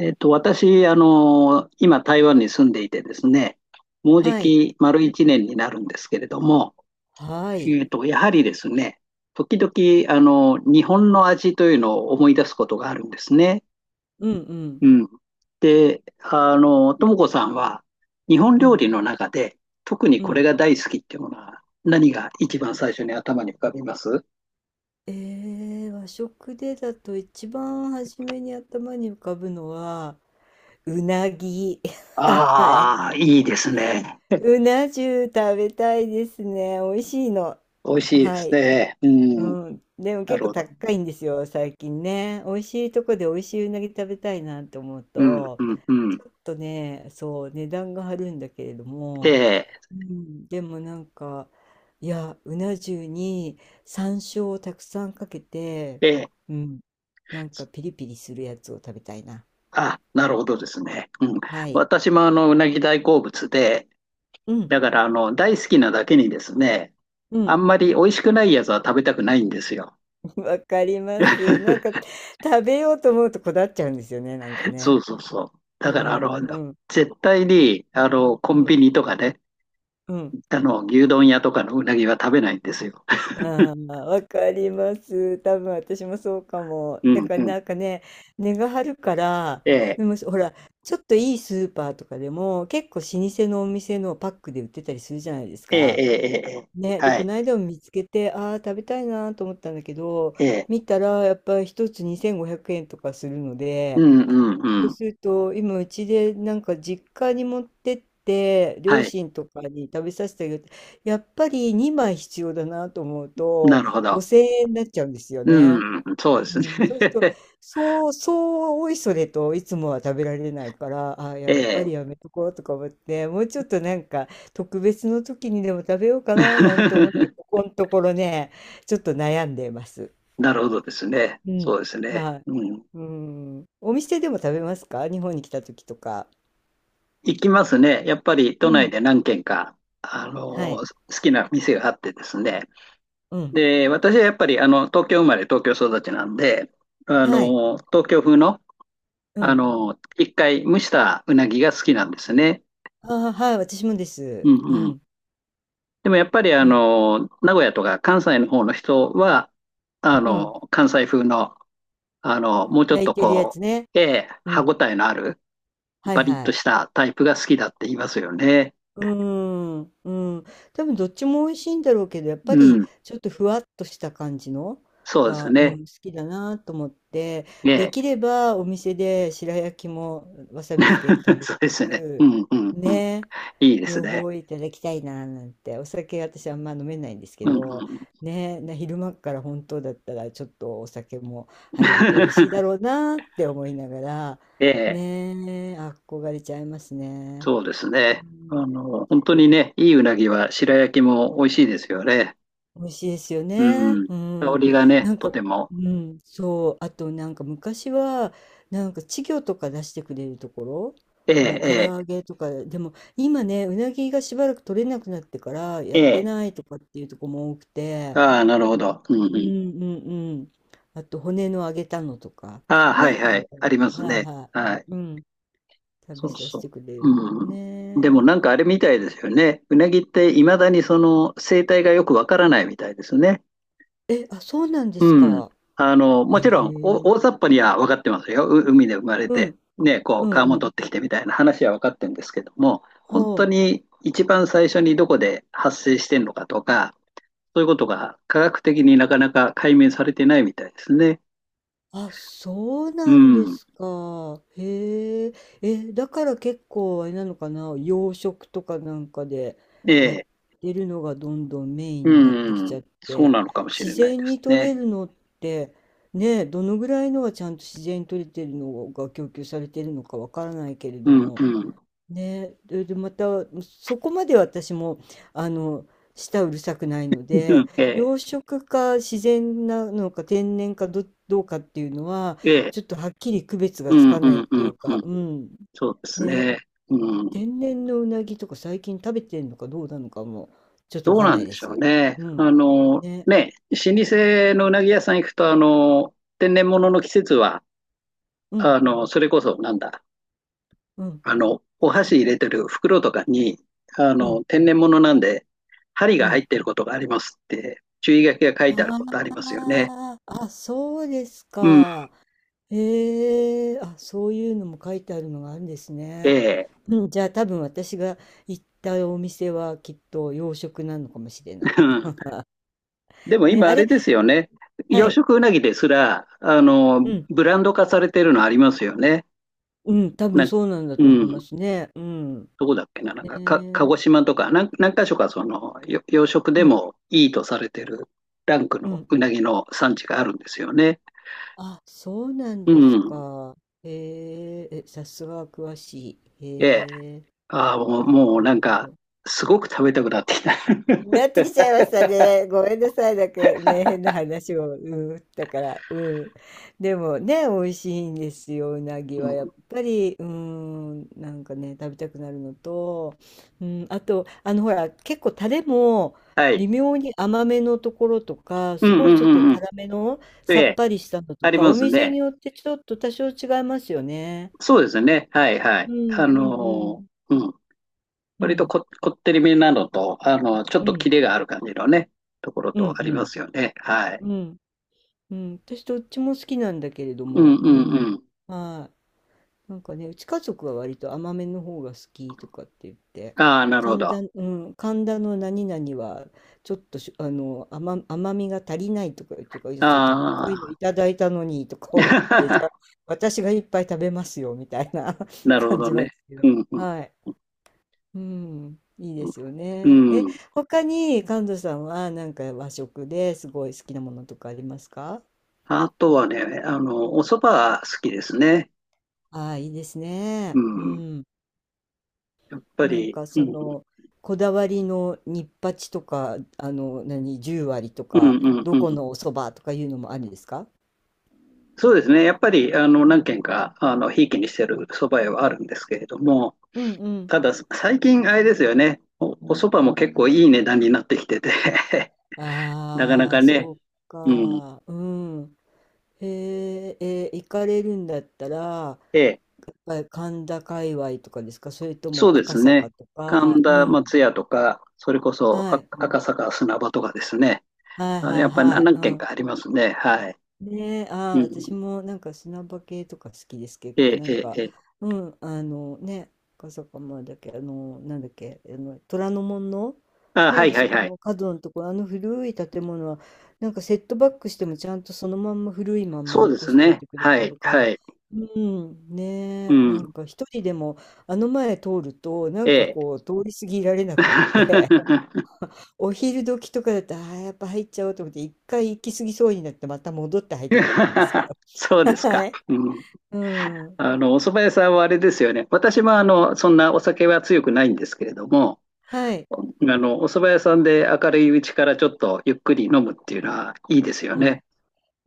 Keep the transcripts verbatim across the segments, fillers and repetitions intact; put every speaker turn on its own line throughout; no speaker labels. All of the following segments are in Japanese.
えっと、私、あの、今、台湾に住んでいてですね、もうじ
はい。
き丸一年になるんですけれども、
はい。
えっと、やはりですね、時々、あの、日本の味というのを思い出すことがあるんですね。
うんうん
うん。で、あの、ともこさんは、日本
う
料
ん
理の中で、特に
う
これ
ん。
が大好きっていうものは、何が一番最初に頭に浮かびます？
えー、和食でだと一番初めに頭に浮かぶのは、うなぎ。はい。
ああー、いいですね。
うな重食べたいですね。美味しいの。
美味しいで
は
す
い。
ね。う
う
ん。
ん。でも
な
結
る
構
ほど。
高いんですよ、最近ね。美味しいとこで美味しいうなぎ食べたいなって思う
うん、
と、
うん、うん。
ちょっとね、そう、値段が張るんだけれど
え
も、
え
うん、でもなんか、いや、うな重に山椒をたくさんかけて、
えー
うん、なんかピリピリするやつを食べたいな。
あ、なるほどですね。うん。
はい。
私もあの、うなぎ大好物で、
うん、
だからあの、大好きなだけにですね、
う
あ
ん、
んまり美味しくないやつは食べたくないんですよ。
わかります。なんか 食べようと思うとこだわっちゃうんですよね、なんか
そう
ね。
そうそう。
う
だからあの、
ん、うん、
絶対に、あの、コ
う
ン
ん、
ビニとかね、
うん。
あの、牛丼屋とかのうなぎは食べないんですよ。
ああ、わかります。多分私もそうかも。
う
だ
ん
から
うん。
なんかね、値が張るから、
ええ、
でもほら、ちょっといいスーパーとかでも結構老舗のお店のパックで売ってたりするじゃないです
ええ、
か。
ええ、え
ね、
え、
で、
は
こ
い。
の間も見つけて、ああ、食べたいなと思ったんだけど、
ええ、
見たらやっぱり一つにせんごひゃくえんとかするの
う
で、
んうんう
そう
ん。
すると、今うちでなんか実家に持ってって、
は
両
い。
親とかに食べさせてあげる。やっぱりにまい必要だなと思う
な
と、
るほど。
ごせんえんになっちゃうんですよね。
うん、そうで
う
すね。
ん、そうすると、そう、そう、おいそれといつもは食べられないから、あ、
え
やっぱ
え。
りやめとこうとか思って、もうちょっとなんか特別の時にでも食べようかななんて思って、こ このところね、ちょっと悩んでます。
なるほどですね。
うん。
そうですね。
はい。
うん。
うん。お店でも食べますか？日本に来た時とか。
行きますね。やっぱり都
う
内
ん。
で何軒か、あ
は
の、
い。
好きな店があってですね。
うん。
で、私はやっぱり、あの、東京生まれ、東京育ちなんで、あ
はい。
の、東京風の、
う
あ
ん。
の、一回蒸したうなぎが好きなんですね。
ああ、はい、私もで
う
す。う
んうん。
ん。
でもやっぱり、あ
うん。
の、名古屋とか関西の方の人は、あ
うん。
の、関西風の、あの、もうちょっ
焼い
と
てるや
こ
つね。
う、ええ、
う
歯ご
ん。
たえのある、
はい
バリッ
は
と
い。
したタイプが好きだって言いますよね。
うーん。うん。多分どっちも美味しいんだろうけど、やっぱ
う
り
ん。
ちょっとふわっとした感じの
そうです
が、うん、
ね。
好きだなと思って、で
ね
きればお店で白焼きもわ
え。
さびつけて 食
そうです
べ
ね。う
る
んうんうん。
ね、
いいです
両
ね。
方いただきたいななんて、お酒私あんま飲めないんですけ
うんう
ど
ん。
ね、な昼間から本当だったらちょっとお酒も入ると美味しいだろ うなって思いながら、
ええ。
ね、憧れちゃいますね。
そうです
う
ね。あ
ん、
の、本当にね、いいうなぎは白焼きも美味しいですよね。
美味しいですよね。
うん。
う
香
ん。
りがね、
なん
と
か、
ても。
うん、そう。あと、なんか昔は、なんか稚魚とか出してくれるところ、
え
もう唐揚
え、
げとか、でも今ね、うなぎがしばらく取れなくなってから
え
や
え、
っ
え
て
え。
ないとかっていうとこも多くて、
ああ、なるほど。うん
う
うん。
んうんうん。あと、骨の揚げたのとか、
ああ、はい
ね。あ、
はい。あります
はい
ね。
は
はい。
い。うん。食
そ
べ
う
させ
そ
てくれ
う。
る。
うん。でも
ね
なんかあれみたいですよね。うなぎっていまだにその生態がよくわからないみたいですね。
え。え、あ、そうなんです
うん。
か。
あの、
へ
もちろん、
え。
お大雑把には分かってますよ。う海で生まれ
う
て、
ん、
ね、こ
う
う、
ん
川も
う
取
ん。
ってきてみたいな話は分かってるんですけども、本
は
当
あ。
に一番最初にどこで発生してんのかとか、そういうことが科学的になかなか解明されてないみたいですね。
あ、そう
う
なんで
ん。
すか。へえ。え、だから結構あれなのかな、洋食とかなんかで
え
やっ
え。
てるのがどんどんメインになってき
う
ちゃ
ん。
っ
そう
て、
なのかもしれ
自
ないで
然
す
に取
ね。
れるのって、ね、どのぐらいのはちゃんと自然に取れてるのが供給されてるのかわからないけれ
う
ど
ん、
も、
うん。
ね、で、でまたそこまで私も、あの、舌うるさくないの
う
で、
ん、ええ。
養殖か自然なのか天然かど、どうかっていうのは
ええ、
ちょっとはっきり区別
う
がつ
ん
か
う
ないっ
んう
てい
ん
う
う
か、
ん、
うん、
そうです
ね、
ね。うん、
天然のうなぎとか最近食べてんのかどうなのかもちょっとわ
どう
かん
な
な
ん
い
で
で
しょう
す。
ね。
うん、
あの、
ね、
ね、老舗のうなぎ屋さん行くと、あの、天然物の季節は、
うん、
あの、それこそ、なんだ、
うん、
あの、お箸入れてる袋とかに、あ
うん、
の、天然物なんで、針
う
が入
ん。
ってることがありますって、注意書きが書いてあることありますよね。
あああ、そうです
うん、
か。へえ、あ、そういうのも書いてあるのがあるんです
え
ね。
え。
うん、じゃあ多分私が行ったお店はきっと洋食なのかもしれない。
うん。でも
ね、
今
あ
あれ
れ、
ですよね。
は
養
い。
殖うなぎですら、あの、
うん、
ブランド化されてるのありますよね。
うん、多分
な、
そうなんだ
う
と思い
ん、
ますね。うん。
どこだっけな、なん
ね
か、か、鹿
え、
児島とか、なん、何か所かその、よ養殖
う
で
ん、
もいいとされてるランク
う
の
ん、
う
う
な
ん。
ぎの産地があるんですよね。
あ、そうなん
う
です
ん。
か。へえ、え、さすが詳しい。
ええ。
へえ、
ああ、もう、
なるほ
も
ど、
うな
な
ん
るほ
か、
ど。
すごく食べたくなってきた。
なってきちゃ いましたね。ごめんなさい。なんかね、変な話を。うん。だから、うん。でもね、美味しいんですよ。うなぎ
う
は
ん、
やっぱり、うん。なんかね、食べたくなるのと、うん。あと、あの、ほら、結構タレも
は
微
い。
妙に甘めのところとか、
うん
す
う
ごいち
ん
ょ
う
っと
んうん。
辛めの
え
さっ
え、
ぱりしたのと
あり
か、
ま
お
す
店に
ね。
よってちょっと多少違いますよね。
そうですね。はいは
う
い。
んう
あの
ん
ー、うん。
うん。う
割と
ん。
こ、こってりめなのと、あの、ちょっ
う
と
ん
キレがある感じのね、ところ
うん
とありますよね。はい。
うん。うん。うん、私どっちも好きなんだけれど
うん
も、
うん
うん、
うん。
はい、なんかね、うち家族は割と甘めの方が好きとかって言って、
ああ、なるほ
神
ど。あ
田、うん、神田の何々はちょっとし、あの、甘、甘みが足りないとか言ってるから、いや、ちょっと高
あ、
いのいただいたのにとか思って、じゃあ 私がいっぱい食べますよみたいな
なるほ
感
ど
じなんで
ね。
すけ
うん、
ど、
う
はい、うん、いいで
ん。
すよ
う
ね。え、
ん。
他に神田さんはなんか和食ですごい好きなものとかありますか？
あとはね、あの、お蕎麦は好きですね。
ああ、いいです
う
ね。う
ん。
ん。
やっぱ
なん
り、
か
う
そ
ん、
の、こだわりのニッパチとか、あの、何、十割と
うん、
か、
うん、
ど
う
こ
ん。
のお蕎麦とかいうのもあるんですか？
そうですね。やっぱり、あの、
うん。
何軒か、あの、ひいきにしてる蕎麦屋はあるんですけれども、
うんうん。
ただ、最近、あれですよね。お、お蕎麦も結構いい値段になってきてて なかな
ああ、
かね。
そう
うん。
か。うん。へえ、えー行かれるんだったら、や
ええ、
っぱり神田界隈とかですか、それと
そう
も
で
赤
すね。
坂とか？
神
う
田
ん。
松屋とか、それこそ
は
あ
い。
赤坂砂場とかですね。
はい
あ
はい
やっぱり
はい。
何
う
軒
ん。
かありますね。はい。
ねえ、ああ、
うん。
私もなんか砂場系とか好きです、結
え
構。
え、
な
え
ん
え、
か、
ええ。
うん、あのね、赤坂まだっけ、あの、なんだっけ、あの、虎ノ門の、
あ、は
ね、
い
あ
は
そ
い
こ
はい。
の角のところ、あの古い建物は、なんかセットバックしてもちゃんとそのまんま古いまんま
そうで
残
す
しておい
ね。
てくれ
は
て
い、
るか
は
ら、
い。
うん、
う
ねえ、なん
ん。
か一人でもあの前通ると、な
え
んか
え。
こう、通り過ぎられなくって、 お昼時とかだとああ、やっぱ入っちゃおうと思って、一回行き過ぎそうになって、また戻って入ったことありますけど。
そうです
は
か。
い。
うん。
うん。
あの、お蕎麦屋さんはあれですよね。私もあの、そんなお酒は強くないんですけれども、
はい。
あの、お蕎麦屋さんで明るいうちからちょっとゆっくり飲むっていうのはいいですよ
うん。
ね。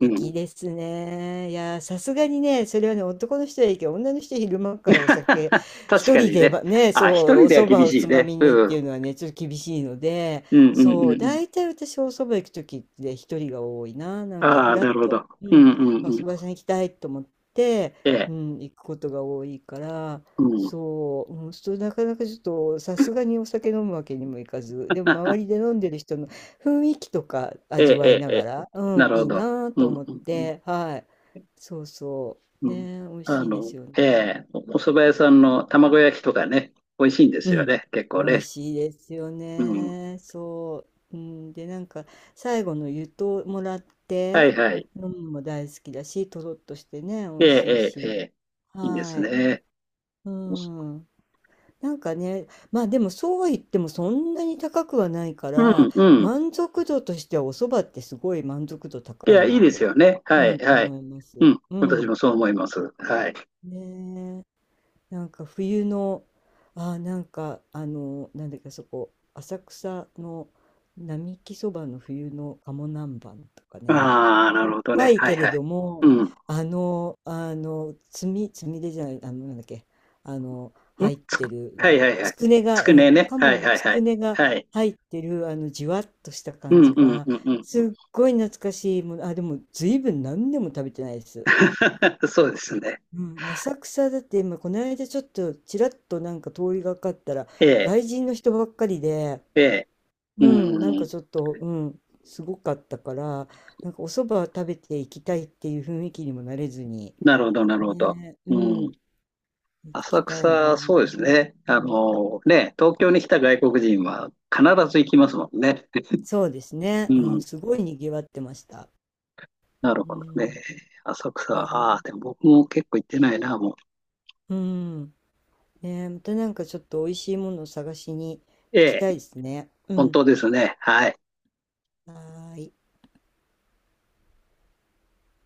うん。
ですね。いやー、さすがにね、それはね、男の人はいいけど、女の人は昼間からお酒、
確
一
か
人
に
で
ね。
ばね、
あ、
そ
一
う、お
人では
蕎麦
厳
を
し
つ
い
ま
ね。
みにっ
う
てい
ん。
うのはね、ちょっと厳しいので、
うんうんうん
そ
う
う、
ん。
大体私お蕎麦行く時ってね一人が多いな、なんかふ
ああ、
らっ
なるほ
と、
ど。
う
う
ん、
んう
あ、
ん
お
う
蕎
ん。
麦屋さん行きたいと思って、
え
う
え。
ん、行くことが多いから、
うん。
そう、うん、そうなかなかちょっと、さすがにお酒飲むわけにもいかず、でも周 りで飲んでる人雰囲気とか
ええ
味わい
え
な
え。
が
ええ、
ら、う
な
ん、
る
い
ほ
い
ど。
な
う
と
ん
思っ
うんうん
て、はい。そうそう。
うん。
ね、美味
あ
しいで
の、
すよ
え
ね。
え、おお蕎麦屋さんの卵焼きとかね、美味しいんで
う
すよ
ん。
ね。結
美
構ね。
味しいですよ
うん。
ね。そう。うん、で、なんか、最後の湯ともらっ
は
て、
いはい。
飲むのも大好きだし、とろっとしてね、美
え
味しい
ええええ
し。
え。いいです
はい。
ね。
う
おそ
ん。なんかね、まあでもそうは言ってもそんなに高くはないか
う、
ら、
んうん。
満足度としてはお蕎麦ってすごい満足度
い
高い
や、いい
な
です
と、
よね。
う
はい
ん、
はい。
思いま
う
す。
ん。
う
私
ん。
もそう思います。はい。
ねえ、なんか冬の、あー、なんかあのなんだっけ、そこ浅草の並木そばの冬の鴨南蛮とかね、
ああ、な
しょっ
るほど
ぱ
ね。
い
はい
けれ
はい。
ども、
うん。
あのあのつみつみれじゃない、あのなんだっけ、あの
ん
入っ
つ
て
く、
る
はい
ね、
はいは
つ
い。
くね
つ
が、う
く
ん、
ねね。は
鴨
い
の
はい
つ
は
く
い。
ねが
はい。
入ってるあのじわっとした
う
感
ん
じ
うん
が
うんうん
す
うん。
っごい懐かしいもの、あ、でも随分何年も食べてないです。
そうですね。
うん、浅草だって今この間ちょっとちらっとなんか通りがかったら
ええ、
外人の人ばっかりで、
ええ。
う
う
ん、なんか
ん。
ちょっと、うん、すごかったから、なんかお蕎麦食べていきたいっていう雰囲気にもなれずに、
なるほど、なるほど。
ね、う
う
ん、
ん。
行き
浅
たいな。
草、そうですね。あの、ね、東京に来た外国人は必ず行きますもんね。
そうですね、
う
うん、
ん。
すごいにぎわってました。
なる
う
ほどね。
ん、
浅草、ああ、
ね、
でも僕も結構行ってないな、もう。
うん、ね、またなんかちょっと美味しいものを探しに行
え
き
え、
たいですね。う
本
ん、
当ですね。はい。
はーい。